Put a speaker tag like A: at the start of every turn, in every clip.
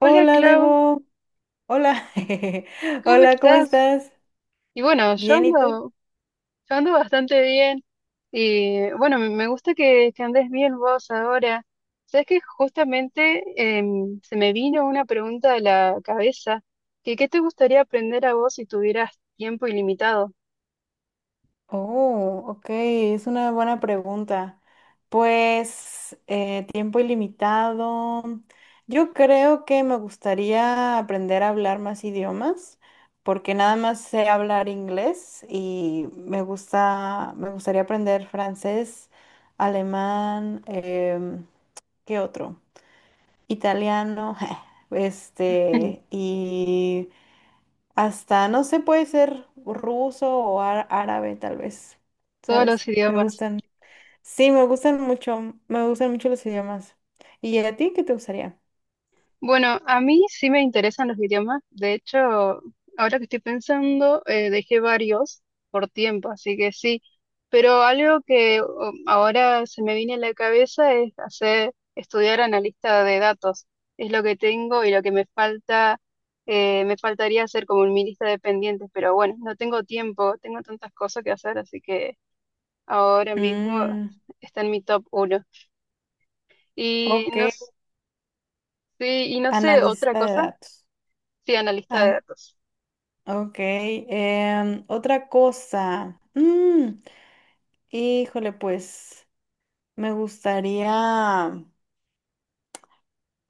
A: Hola Clau,
B: Debo. Hola.
A: ¿cómo
B: Hola, ¿cómo
A: estás?
B: estás?
A: Y bueno,
B: Bien, ¿y tú?
A: yo ando bastante bien. Y bueno, me gusta que andes bien vos ahora. Sabes que justamente se me vino una pregunta a la cabeza, que ¿qué te gustaría aprender a vos si tuvieras tiempo ilimitado?
B: Oh, ok, es una buena pregunta. Pues tiempo ilimitado. Yo creo que me gustaría aprender a hablar más idiomas, porque nada más sé hablar inglés y me gusta, me gustaría aprender francés, alemán, ¿qué otro? Italiano, este, y hasta, no sé, puede ser ruso o árabe, tal vez.
A: Todos los
B: ¿Sabes? Me
A: idiomas.
B: gustan. Sí, me gustan mucho. Me gustan mucho los idiomas. ¿Y a ti qué te gustaría?
A: Bueno, a mí sí me interesan los idiomas. De hecho, ahora que estoy pensando, dejé varios por tiempo, así que sí. Pero algo que ahora se me viene a la cabeza es estudiar analista de datos. Es lo que tengo y lo que me falta, me faltaría hacer como en mi lista de pendientes. Pero bueno, no tengo tiempo, tengo tantas cosas que hacer, así que ahora mismo
B: Mm,
A: está en mi top uno. Y no,
B: ok.
A: sí, y no sé, otra
B: Analista de
A: cosa.
B: datos.
A: Sí, analista de
B: An-
A: datos.
B: ok. Otra cosa. Mm, híjole, pues me gustaría.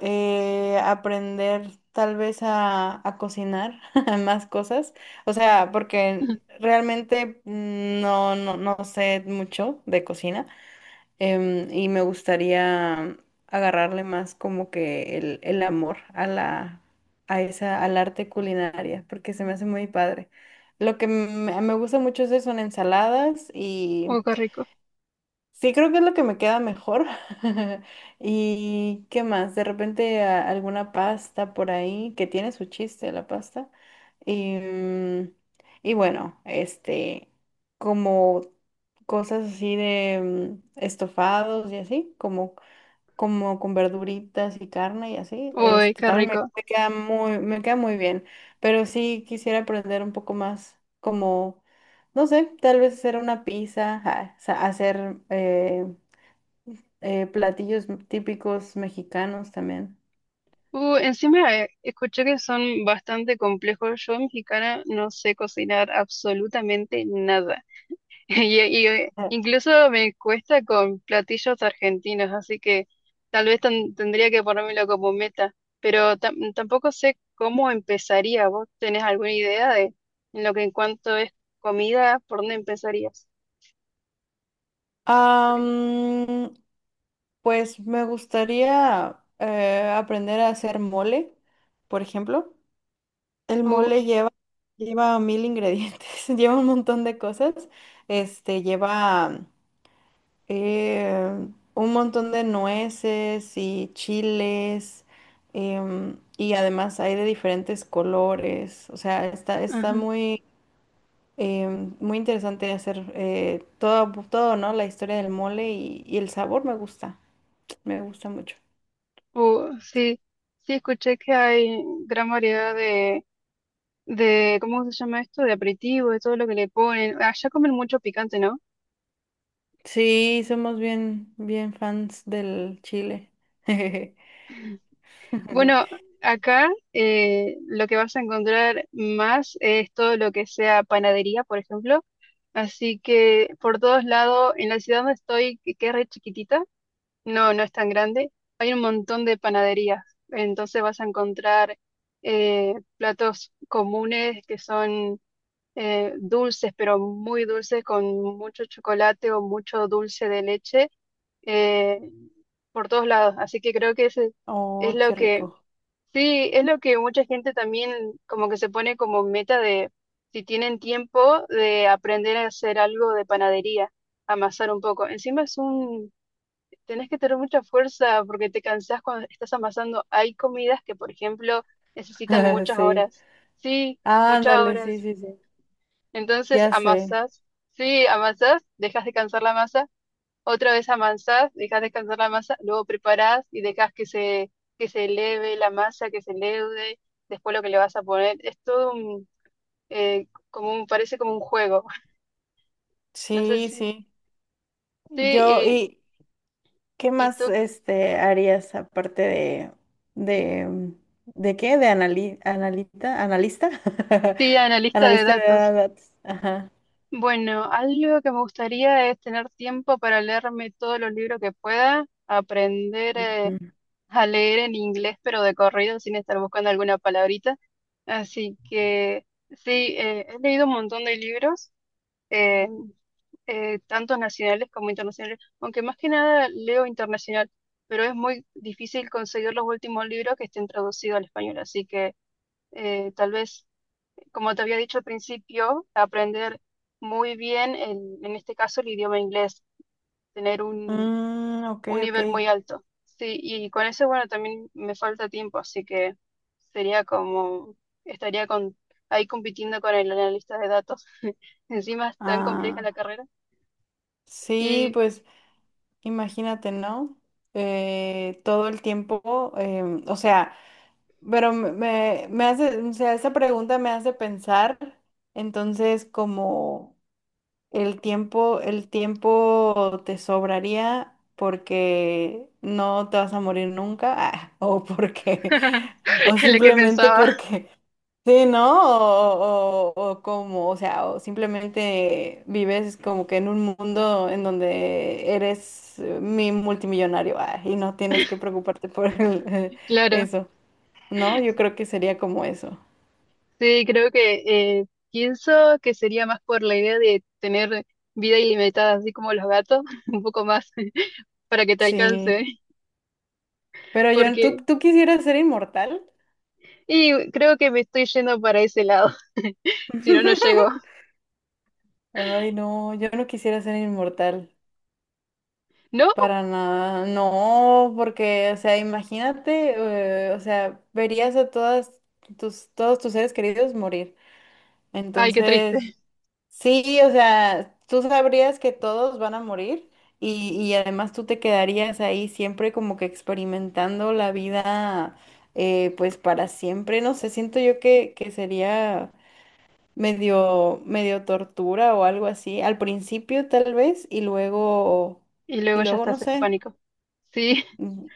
B: Aprender tal vez a cocinar más cosas. O sea, porque realmente no sé mucho de cocina, y me gustaría agarrarle más como que el amor a la, a esa, al arte culinaria, porque se me hace muy padre. Lo que me gusta mucho es eso, son ensaladas y...
A: Ujú. Uy, qué rico.
B: Sí, creo que es lo que me queda mejor. ¿Y qué más? De repente alguna pasta por ahí que tiene su chiste la pasta. Y, y bueno, este, como cosas así de estofados y así, como como con verduritas y carne y así,
A: Uy,
B: este,
A: qué
B: también
A: rico.
B: me queda me queda muy bien, pero sí quisiera aprender un poco más, como, no sé, tal vez hacer una pizza, ja, hacer platillos típicos mexicanos también.
A: Encima escuché que son bastante complejos. Yo, mexicana, no sé cocinar absolutamente nada.
B: Ujú.
A: Incluso me cuesta con platillos argentinos, así que tal vez tendría que ponérmelo como meta. Pero tampoco sé cómo empezaría. ¿Vos tenés alguna idea de en lo que en cuanto es comida, por dónde empezarías? Por ahí.
B: Am, pues me gustaría aprender a hacer mole, por ejemplo. El
A: Uh,
B: mole lleva, lleva mil ingredientes, lleva un montón de cosas. Este, lleva eh, un montón de nueces y chiles. Y además hay de diferentes colores. O sea, está
A: ajá.
B: muy, muy interesante hacer todo, todo, ¿no? La historia del mole y el sabor me gusta. Me gusta mucho.
A: Sí, sí escuché que hay gran variedad de, ¿cómo se llama esto? De aperitivo, de todo lo que le ponen. Allá comen mucho picante, ¿no?
B: Sí, somos bien, bien fans del chile.
A: Bueno, acá lo que vas a encontrar más es todo lo que sea panadería, por ejemplo. Así que por todos lados, en la ciudad donde estoy, que es re chiquitita, no, no es tan grande, hay un montón de panaderías. Entonces vas a encontrar platos comunes que son dulces, pero muy dulces, con mucho chocolate o mucho dulce de leche eh, por todos lados. Así que creo que ese es
B: Oh,
A: lo
B: qué rico.
A: sí, es lo que mucha gente también como que se pone como meta de, si tienen tiempo, de aprender a hacer algo de panadería, amasar un poco. Encima es tenés que tener mucha fuerza porque te cansás cuando estás amasando. Hay comidas que, por ejemplo, necesitan muchas
B: Sí.
A: horas. Sí, muchas
B: Ándale, sí,
A: horas.
B: sí, sí.
A: Entonces
B: Ya sé.
A: amasás, sí, amasás, dejas descansar la masa, otra vez amasás, dejas descansar la masa, luego preparás y dejas que que se eleve la masa, que se leude, después lo que le vas a poner, es todo como un, parece como un juego, no sé
B: Sí,
A: si,
B: sí. Yo,
A: sí,
B: ¿y qué
A: y
B: más
A: tú,
B: este harías aparte de de qué? De analista,
A: sí, analista de
B: analista de
A: datos.
B: datos. Ajá.
A: Bueno, algo que me gustaría es tener tiempo para leerme todos los libros que pueda, aprender.
B: Ujú.
A: A leer en inglés, pero de corrido, sin estar buscando alguna palabrita. Así que sí, he leído un montón de libros, eh, tanto nacionales como internacionales, aunque más que nada leo internacional, pero es muy difícil conseguir los últimos libros que estén traducidos al español. Así que tal vez, como te había dicho al principio, aprender muy bien, en este caso, el idioma inglés, tener
B: Mm, ok,
A: un
B: ok.
A: nivel muy alto. Sí, y con eso, bueno, también me falta tiempo, así que sería como, estaría con, ahí compitiendo con el analista de datos. Encima es tan compleja
B: Ah,
A: la carrera.
B: sí,
A: Y
B: pues imagínate, ¿no? Todo el tiempo, o sea. Pero me hace, o sea, esa pregunta me hace pensar, entonces, como el tiempo te sobraría porque no te vas a morir nunca, ah, o porque, o
A: en lo que
B: simplemente
A: pensaba,
B: porque, sí, ¿no? O como, o sea, o simplemente vives como que en un mundo en donde eres mi multimillonario, ah, y no tienes que preocuparte por
A: claro,
B: eso. ¿No? Yo creo que sería como eso.
A: sí, creo que eh, pienso que sería más por la idea de tener vida ilimitada, así como los gatos, un poco más para que te alcance,
B: Sí. Pero yo,
A: porque,
B: tú quisieras ser inmortal?
A: y creo que me estoy yendo para ese lado, si no, no llego.
B: Ay, no, yo no quisiera ser inmortal.
A: ¿No?
B: Para nada. No, porque, o sea, imagínate, o sea, verías a todas tus, todos tus seres queridos morir.
A: Ay, qué triste.
B: Entonces, sí, o sea, tú sabrías que todos van a morir y además tú te quedarías ahí siempre como que experimentando la vida, pues para siempre. No sé, siento yo que sería medio, medio tortura o algo así. Al principio tal vez
A: Y
B: y
A: luego ya
B: luego no
A: estás en
B: sé.
A: pánico. Sí,
B: Mm,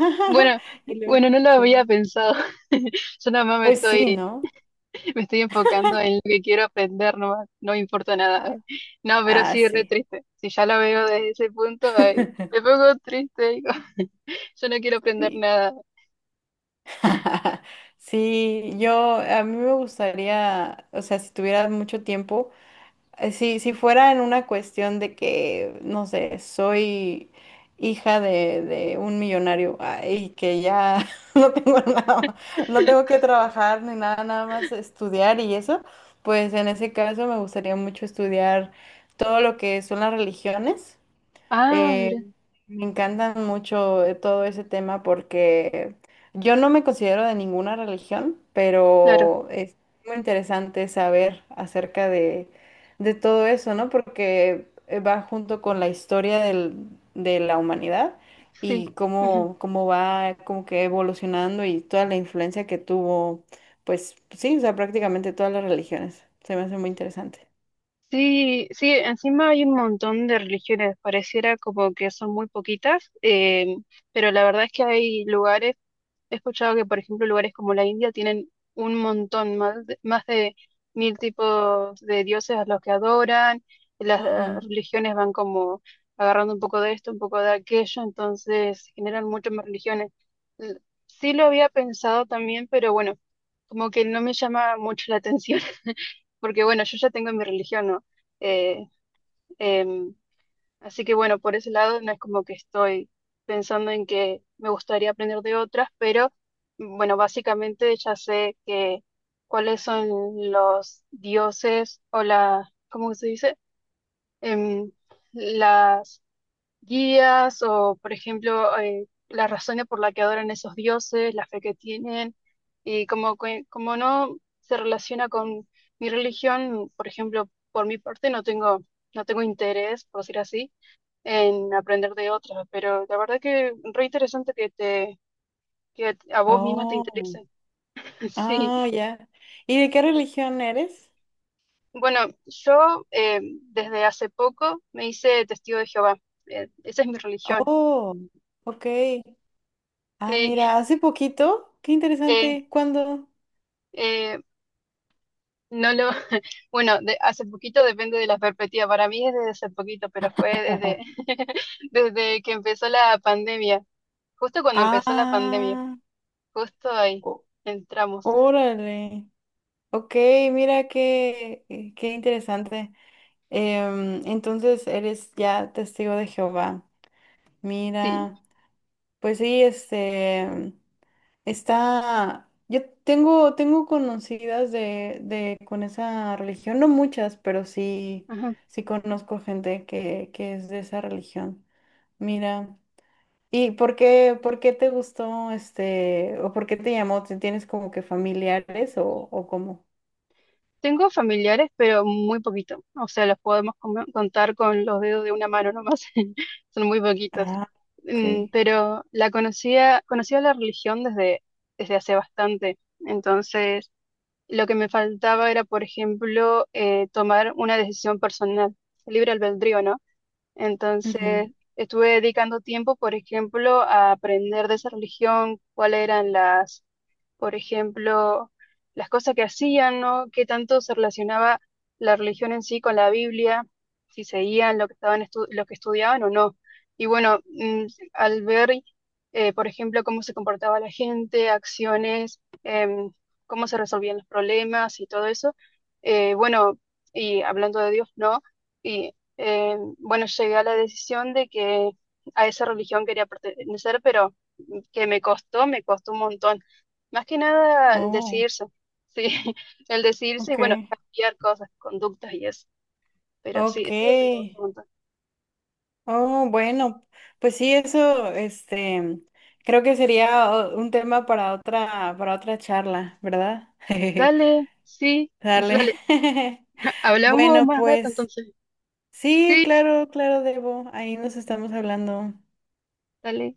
A: bueno,
B: y luego,
A: bueno, no lo había
B: sí.
A: pensado. Yo nada más
B: Pues sí, ¿no?
A: me estoy enfocando en lo que quiero aprender, no, no me importa nada.
B: Ah,
A: No, pero
B: ah,
A: sí, re
B: sí.
A: triste. Si ya lo veo desde ese punto, ay, me pongo triste. Digo, yo no quiero aprender
B: Sí.
A: nada.
B: Sí, yo a mí me gustaría, o sea, si tuviera mucho tiempo, si, si fuera en una cuestión de que, no sé, soy hija de un millonario, ah, y que ya no tengo nada, no tengo que trabajar ni nada, nada más estudiar y eso, pues en ese caso me gustaría mucho estudiar todo lo que son las religiones.
A: Ah, mira,
B: eh, Me encantan mucho todo ese tema porque yo no me considero de ninguna religión,
A: claro,
B: pero es muy interesante saber acerca de todo eso, ¿no? Porque va junto con la historia de la humanidad y
A: sí. Ujú.
B: cómo, cómo va como que evolucionando y toda la influencia que tuvo, pues sí, o sea, prácticamente todas las religiones. Se me hace muy interesante.
A: Sí, sí, encima hay un montón de religiones, pareciera como que son muy poquitas, pero la verdad es que hay lugares. He escuchado que, por ejemplo, lugares como la India tienen un montón, más de mil tipos de dioses a los que adoran, las
B: Ujú.
A: religiones van como agarrando un poco de esto, un poco de aquello, entonces generan muchas más religiones. L- Sí lo había pensado también, pero bueno, como que no me llama mucho la atención, porque bueno, yo ya tengo mi religión, ¿no? Eh, em, Así que bueno, por ese lado no es como que estoy pensando en que me gustaría aprender de otras, pero bueno, básicamente ya sé que cuáles son los dioses o la, ¿cómo se dice? Em, las guías o, por ejemplo, las razones por las que adoran esos dioses, la fe que tienen y como, como no se relaciona con mi religión, por ejemplo, por mi parte no tengo interés, por decir así en aprender de otras, pero la verdad que re interesante que a vos misma te
B: Oh.
A: interese. Sí,
B: Ah, ya. ¿Y de qué religión eres?
A: bueno, yo desde hace poco me hice testigo de Jehová. Esa es mi religión.
B: Oh, ok. Ah,
A: Sí,
B: mira, hace poquito. Qué
A: eh,
B: interesante. ¿Cuándo?
A: eh, no lo, bueno, de, hace poquito depende de la perspectiva. Para mí es desde hace poquito, pero fue desde,
B: Ajá.
A: desde que empezó la pandemia. Justo cuando empezó la pandemia,
B: Ah,
A: justo ahí
B: ó-
A: entramos.
B: órale. Ok, mira qué, qué interesante. Em, entonces eres ya testigo de Jehová.
A: Sí.
B: Mira, pues sí, este. Está, yo tengo conocidas de con esa religión, no muchas, pero sí, sí conozco gente que es de esa religión. Mira, ¿y por qué te gustó este, o por qué te llamó? Tienes como que familiares o cómo?
A: Tengo familiares, pero muy poquito. O sea, los podemos contar con los dedos de una mano nomás. Son muy poquitos.
B: Ah, ok.
A: Mm, pero la conocía, conocía la religión desde, desde hace bastante. Entonces, lo que me faltaba era, por ejemplo, tomar una decisión personal, libre albedrío, ¿no?
B: Ujú.
A: Entonces, estuve dedicando tiempo, por ejemplo, a aprender de esa religión, cuáles eran las por ejemplo, las cosas que hacían, ¿no? Qué tanto se relacionaba la religión en sí con la Biblia, si seguían lo que estaban lo que estudiaban o no. Y bueno, mm, al ver, por ejemplo, cómo se comportaba la gente, acciones, cómo se resolvían los problemas y todo eso, bueno, y hablando de Dios, ¿no? Y bueno, llegué a la decisión de que a esa religión quería pertenecer, pero mm, que me costó un montón. Más que nada el
B: Oh,
A: decidirse, sí, el decidirse y
B: ok.
A: bueno, cambiar cosas, conductas y eso. Pero sí,
B: Ok.
A: es algo que me gusta un montón.
B: Oh, bueno, pues sí, eso, este, creo que sería un tema para otra charla, ¿verdad?
A: Dale, sí,
B: Dale.
A: dale, hablamos
B: Bueno,
A: más rato
B: pues
A: entonces.
B: sí,
A: Sí,
B: claro, claro, Debo. Ahí nos estamos hablando.
A: dale.